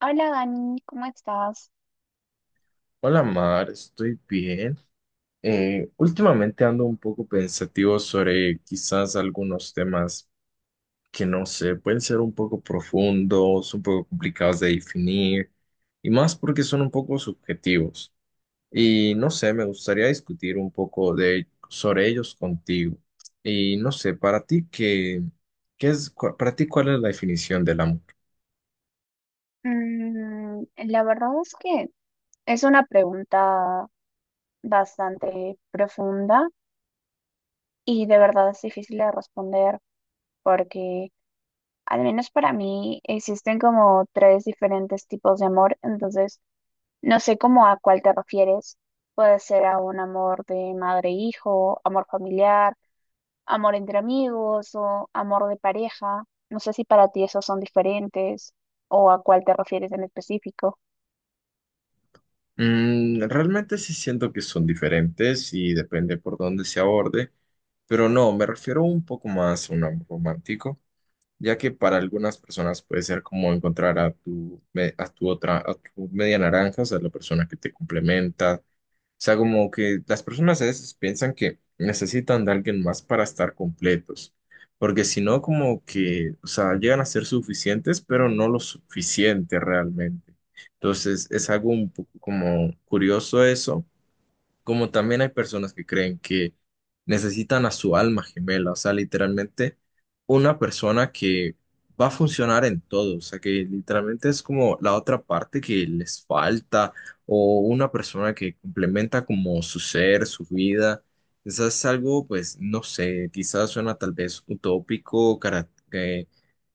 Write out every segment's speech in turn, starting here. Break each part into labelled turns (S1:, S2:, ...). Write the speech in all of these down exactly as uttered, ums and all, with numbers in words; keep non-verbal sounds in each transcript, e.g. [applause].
S1: Hola Dani, ¿cómo estás?
S2: Hola Mar, estoy bien. Eh, últimamente ando un poco pensativo sobre quizás algunos temas que no sé, pueden ser un poco profundos, un poco complicados de definir y más porque son un poco subjetivos. Y no sé, me gustaría discutir un poco de, sobre ellos contigo. Y no sé, para ti qué, qué es, cua- para ti ¿cuál es la definición del amor?
S1: Mm, la verdad es que es una pregunta bastante profunda y de verdad es difícil de responder porque al menos para mí existen como tres diferentes tipos de amor, entonces no sé cómo a cuál te refieres. Puede ser a un amor de madre-hijo, amor familiar, amor entre amigos o amor de pareja. No sé si para ti esos son diferentes o a cuál te refieres en específico.
S2: Mm, realmente sí siento que son diferentes y depende por dónde se aborde, pero no, me refiero un poco más a un amor romántico, ya que para algunas personas puede ser como encontrar a tu, me- a tu otra, a tu media naranja, o sea, la persona que te complementa, o sea, como que las personas a veces piensan que necesitan de alguien más para estar completos, porque si no, como que, o sea, llegan a ser suficientes, pero no lo suficiente realmente. Entonces, es algo un poco como curioso eso, como también hay personas que creen que necesitan a su alma gemela, o sea, literalmente una persona que va a funcionar en todo, o sea, que literalmente es como la otra parte que les falta o una persona que complementa como su ser, su vida. Quizás es algo, pues, no sé, quizás suena tal vez utópico, cara- que,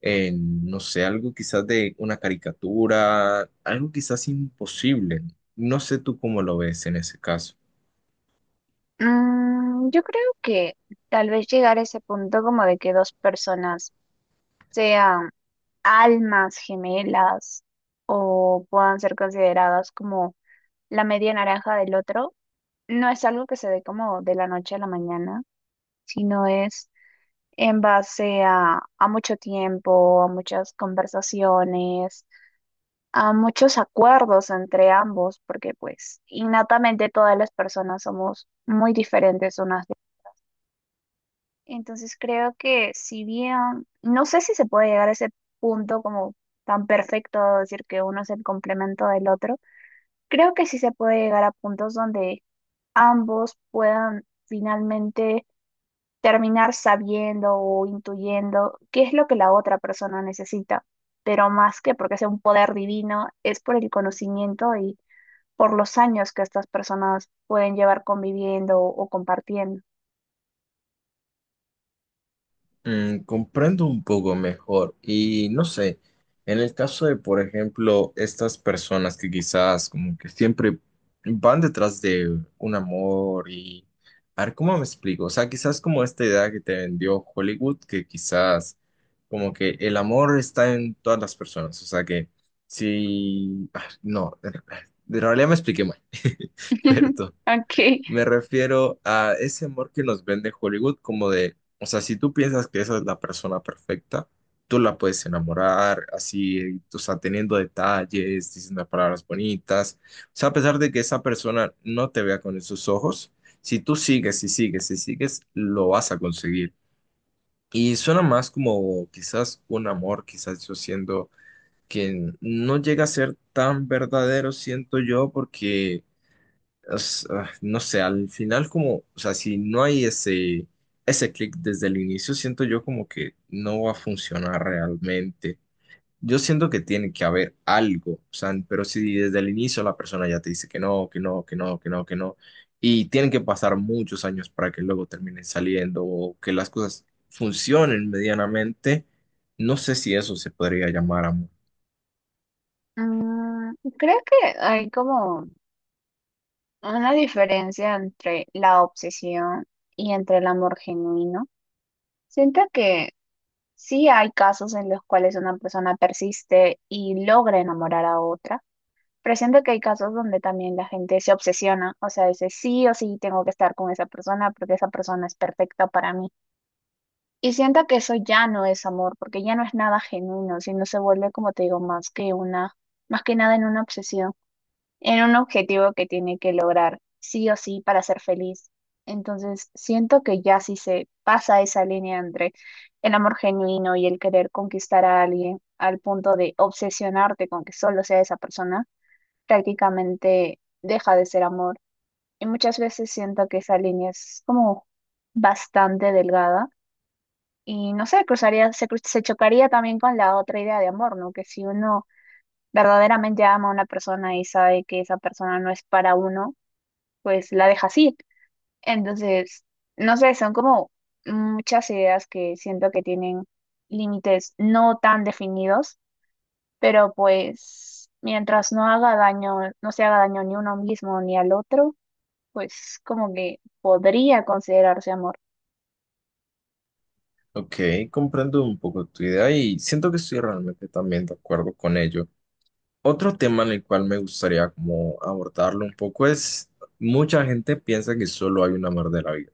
S2: eh, no sé, algo quizás de una caricatura, algo quizás imposible. No sé tú cómo lo ves en ese caso.
S1: Mm, yo creo que tal vez llegar a ese punto como de que dos personas sean almas gemelas o puedan ser consideradas como la media naranja del otro, no es algo que se dé como de la noche a la mañana, sino es en base a, a mucho tiempo, a muchas conversaciones, a muchos acuerdos entre ambos, porque pues innatamente todas las personas somos muy diferentes unas. Entonces creo que si bien, no sé si se puede llegar a ese punto como tan perfecto, de decir que uno es el complemento del otro, creo que sí se puede llegar a puntos donde ambos puedan finalmente terminar sabiendo o intuyendo qué es lo que la otra persona necesita, pero más que porque sea un poder divino, es por el conocimiento y por los años que estas personas pueden llevar conviviendo o compartiendo.
S2: Mm, comprendo un poco mejor y no sé, en el caso de, por ejemplo, estas personas que quizás como que siempre van detrás de un amor y, a ver, ¿cómo me explico? O sea, quizás como esta idea que te vendió Hollywood, que quizás como que el amor está en todas las personas, o sea que si, ah, no, de de realidad me expliqué mal, [laughs]
S1: [laughs]
S2: perdón.
S1: Ok.
S2: Me refiero a ese amor que nos vende Hollywood, como de, o sea, si tú piensas que esa es la persona perfecta, tú la puedes enamorar, así, o sea, teniendo detalles, diciendo palabras bonitas. O sea, a pesar de que esa persona no te vea con esos ojos, si tú sigues y sigues y sigues, lo vas a conseguir. Y suena más como quizás un amor, quizás yo siendo que no llega a ser tan verdadero, siento yo, porque es, ah, no sé, al final como, o sea, si no hay ese, ese clic desde el inicio, siento yo como que no va a funcionar realmente. Yo siento que tiene que haber algo, o sea, pero si desde el inicio la persona ya te dice que no, que no, que no, que no, que no, y tienen que pasar muchos años para que luego terminen saliendo o que las cosas funcionen medianamente, no sé si eso se podría llamar amor.
S1: Mm, Creo que hay como una diferencia entre la obsesión y entre el amor genuino. Siento que sí hay casos en los cuales una persona persiste y logra enamorar a otra, pero siento que hay casos donde también la gente se obsesiona, o sea, dice sí o sí tengo que estar con esa persona porque esa persona es perfecta para mí. Y siento que eso ya no es amor, porque ya no es nada genuino, sino se vuelve, como te digo, más que una, más que nada en una obsesión, en un objetivo que tiene que lograr sí o sí para ser feliz. Entonces, siento que ya si se pasa esa línea entre el amor genuino y el querer conquistar a alguien al punto de obsesionarte con que solo sea esa persona, prácticamente deja de ser amor. Y muchas veces siento que esa línea es como bastante delgada y no sé, cruzaría, se, cru- se chocaría también con la otra idea de amor, ¿no? Que si uno verdaderamente ama a una persona y sabe que esa persona no es para uno, pues la deja así. Entonces, no sé, son como muchas ideas que siento que tienen límites no tan definidos, pero pues mientras no haga daño, no se haga daño ni a uno mismo ni al otro, pues como que podría considerarse amor.
S2: Ok, comprendo un poco tu idea y siento que estoy realmente también de acuerdo con ello. Otro tema en el cual me gustaría como abordarlo un poco es, mucha gente piensa que solo hay un amor de la vida.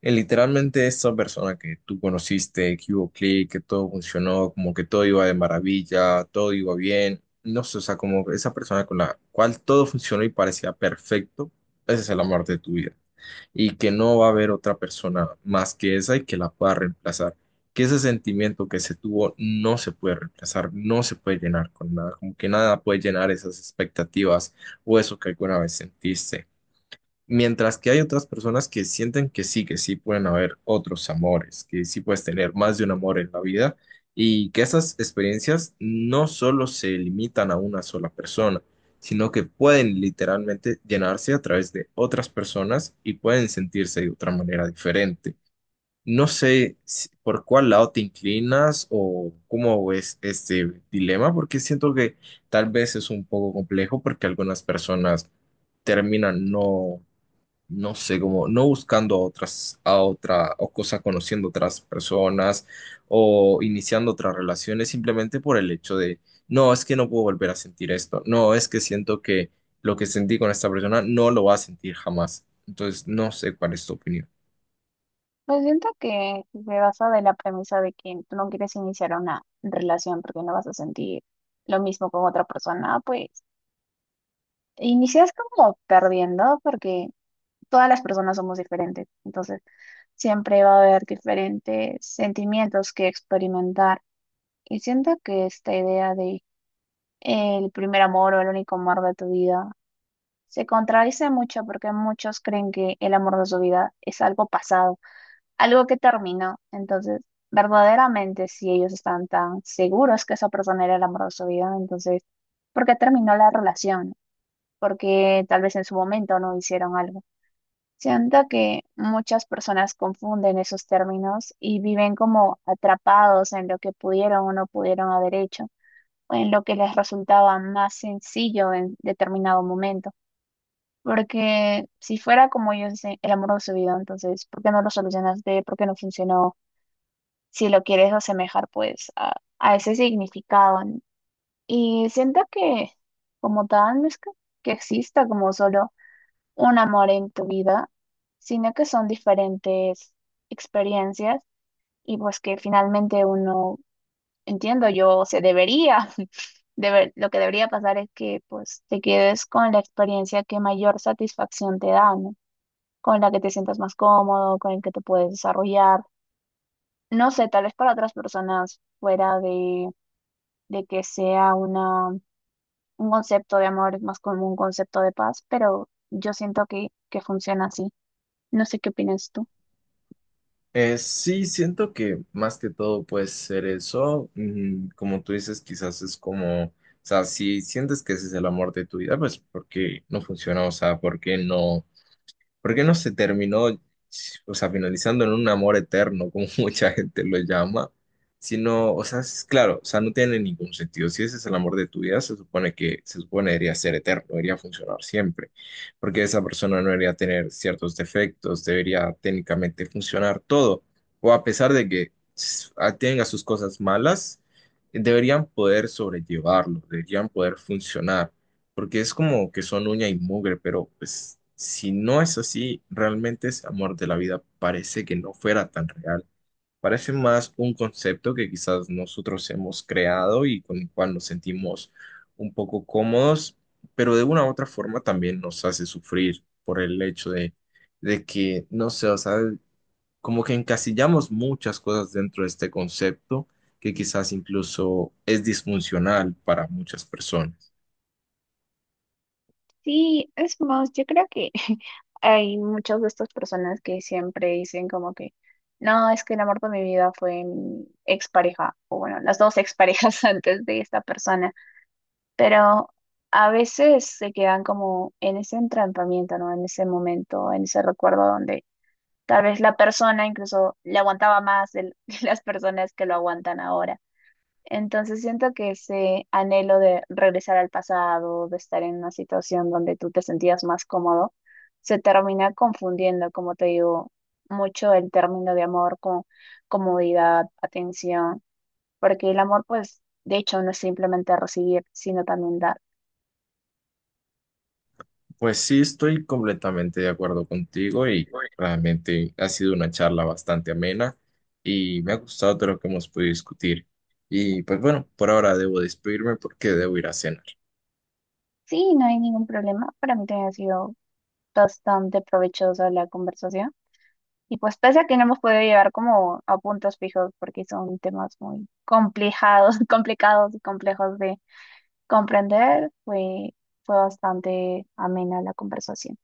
S2: Eh, literalmente esa persona que tú conociste, que hubo clic, que todo funcionó, como que todo iba de maravilla, todo iba bien, no sé, o sea, como esa persona con la cual todo funcionó y parecía perfecto, ese es el amor de tu vida y que no va a haber otra persona más que esa y que la pueda reemplazar. Que ese sentimiento que se tuvo no se puede reemplazar, no se puede llenar con nada, como que nada puede llenar esas expectativas o eso que alguna vez sentiste. Mientras que hay otras personas que sienten que sí, que sí pueden haber otros amores, que sí puedes tener más de un amor en la vida y que esas experiencias no solo se limitan a una sola persona, sino que pueden literalmente llenarse a través de otras personas y pueden sentirse de otra manera diferente. No sé si- ¿Por cuál lado te inclinas o cómo ves este dilema? Porque siento que tal vez es un poco complejo porque algunas personas terminan no no sé, como no buscando a otras, a otra, o cosas conociendo otras personas o iniciando otras relaciones simplemente por el hecho de, no, es que no puedo volver a sentir esto, no, es que siento que lo que sentí con esta persona no lo va a sentir jamás. Entonces, no sé cuál es tu opinión.
S1: Pues siento que se basa de la premisa de que tú no quieres iniciar una relación porque no vas a sentir lo mismo con otra persona, pues inicias como perdiendo porque todas las personas somos diferentes. Entonces, siempre va a haber diferentes sentimientos que experimentar. Y siento que esta idea de el primer amor o el único amor de tu vida se contradice mucho porque muchos creen que el amor de su vida es algo pasado, algo que terminó. Entonces, verdaderamente, si ellos están tan seguros que esa persona era el amor de su vida, entonces, ¿por qué terminó la relación? Porque tal vez en su momento no hicieron algo. Siento que muchas personas confunden esos términos y viven como atrapados en lo que pudieron o no pudieron haber hecho, o en lo que les resultaba más sencillo en determinado momento. Porque si fuera como yo dicen, el amor de su vida, entonces, ¿por qué no lo solucionaste? ¿Por qué no funcionó? Si lo quieres asemejar, pues, a, a ese significado, ¿no? Y siento que, como tal, no es que que exista como solo un amor en tu vida, sino que son diferentes experiencias y pues que finalmente uno, entiendo yo, se debería, [laughs] debe- lo que debería pasar es que pues te quedes con la experiencia que mayor satisfacción te da, ¿no? Con la que te sientas más cómodo, con el que te puedes desarrollar. No sé, tal vez para otras personas fuera de, de que sea una, un concepto de amor es más como un concepto de paz, pero yo siento que, que funciona así. No sé qué opinas tú.
S2: Eh, sí, siento que más que todo puede ser eso. Mm, como tú dices, quizás es como, o sea, si sientes que ese es el amor de tu vida, pues ¿por qué no funciona? O sea, ¿por qué no? ¿Por qué no se terminó, o sea, finalizando en un amor eterno, como [laughs] mucha gente lo llama? Sino, o sea, es claro, o sea, no tiene ningún sentido. Si ese es el amor de tu vida, se supone que, se supone debería ser eterno, debería funcionar siempre, porque esa persona no debería tener ciertos defectos, debería técnicamente funcionar todo, o a pesar de que s- a- tenga sus cosas malas, deberían poder sobrellevarlo, deberían poder funcionar porque es como que son uña y mugre, pero pues si no es así, realmente ese amor de la vida parece que no fuera tan real. Parece más un concepto que quizás nosotros hemos creado y con el cual nos sentimos un poco cómodos, pero de una u otra forma también nos hace sufrir por el hecho de, de que, no sé, o sea, como que encasillamos muchas cosas dentro de este concepto que quizás incluso es disfuncional para muchas personas.
S1: Sí, es más, yo creo que [laughs] hay muchas de estas personas que siempre dicen como que, no, es que el amor de mi vida fue mi expareja, o bueno, las dos exparejas [laughs] antes de esta persona, pero a veces se quedan como en ese entrampamiento, ¿no? En ese momento, en ese recuerdo donde tal vez la persona incluso le aguantaba más de [laughs] las personas que lo aguantan ahora. Entonces siento que ese anhelo de regresar al pasado, de estar en una situación donde tú te sentías más cómodo, se termina confundiendo, como te digo, mucho el término de amor con comodidad, atención, porque el amor, pues, de hecho, no es simplemente recibir, sino también dar.
S2: Pues sí, estoy completamente de acuerdo contigo y realmente ha sido una charla bastante amena y me ha gustado todo lo que hemos podido discutir. Y pues bueno, por ahora debo despedirme porque debo ir a cenar.
S1: Sí, no hay ningún problema. Para mí también ha sido bastante provechosa la conversación. Y pues pese a que no hemos podido llegar como a puntos fijos porque son temas muy complicados, [laughs] complicados y complejos de comprender, fue, fue bastante amena la conversación.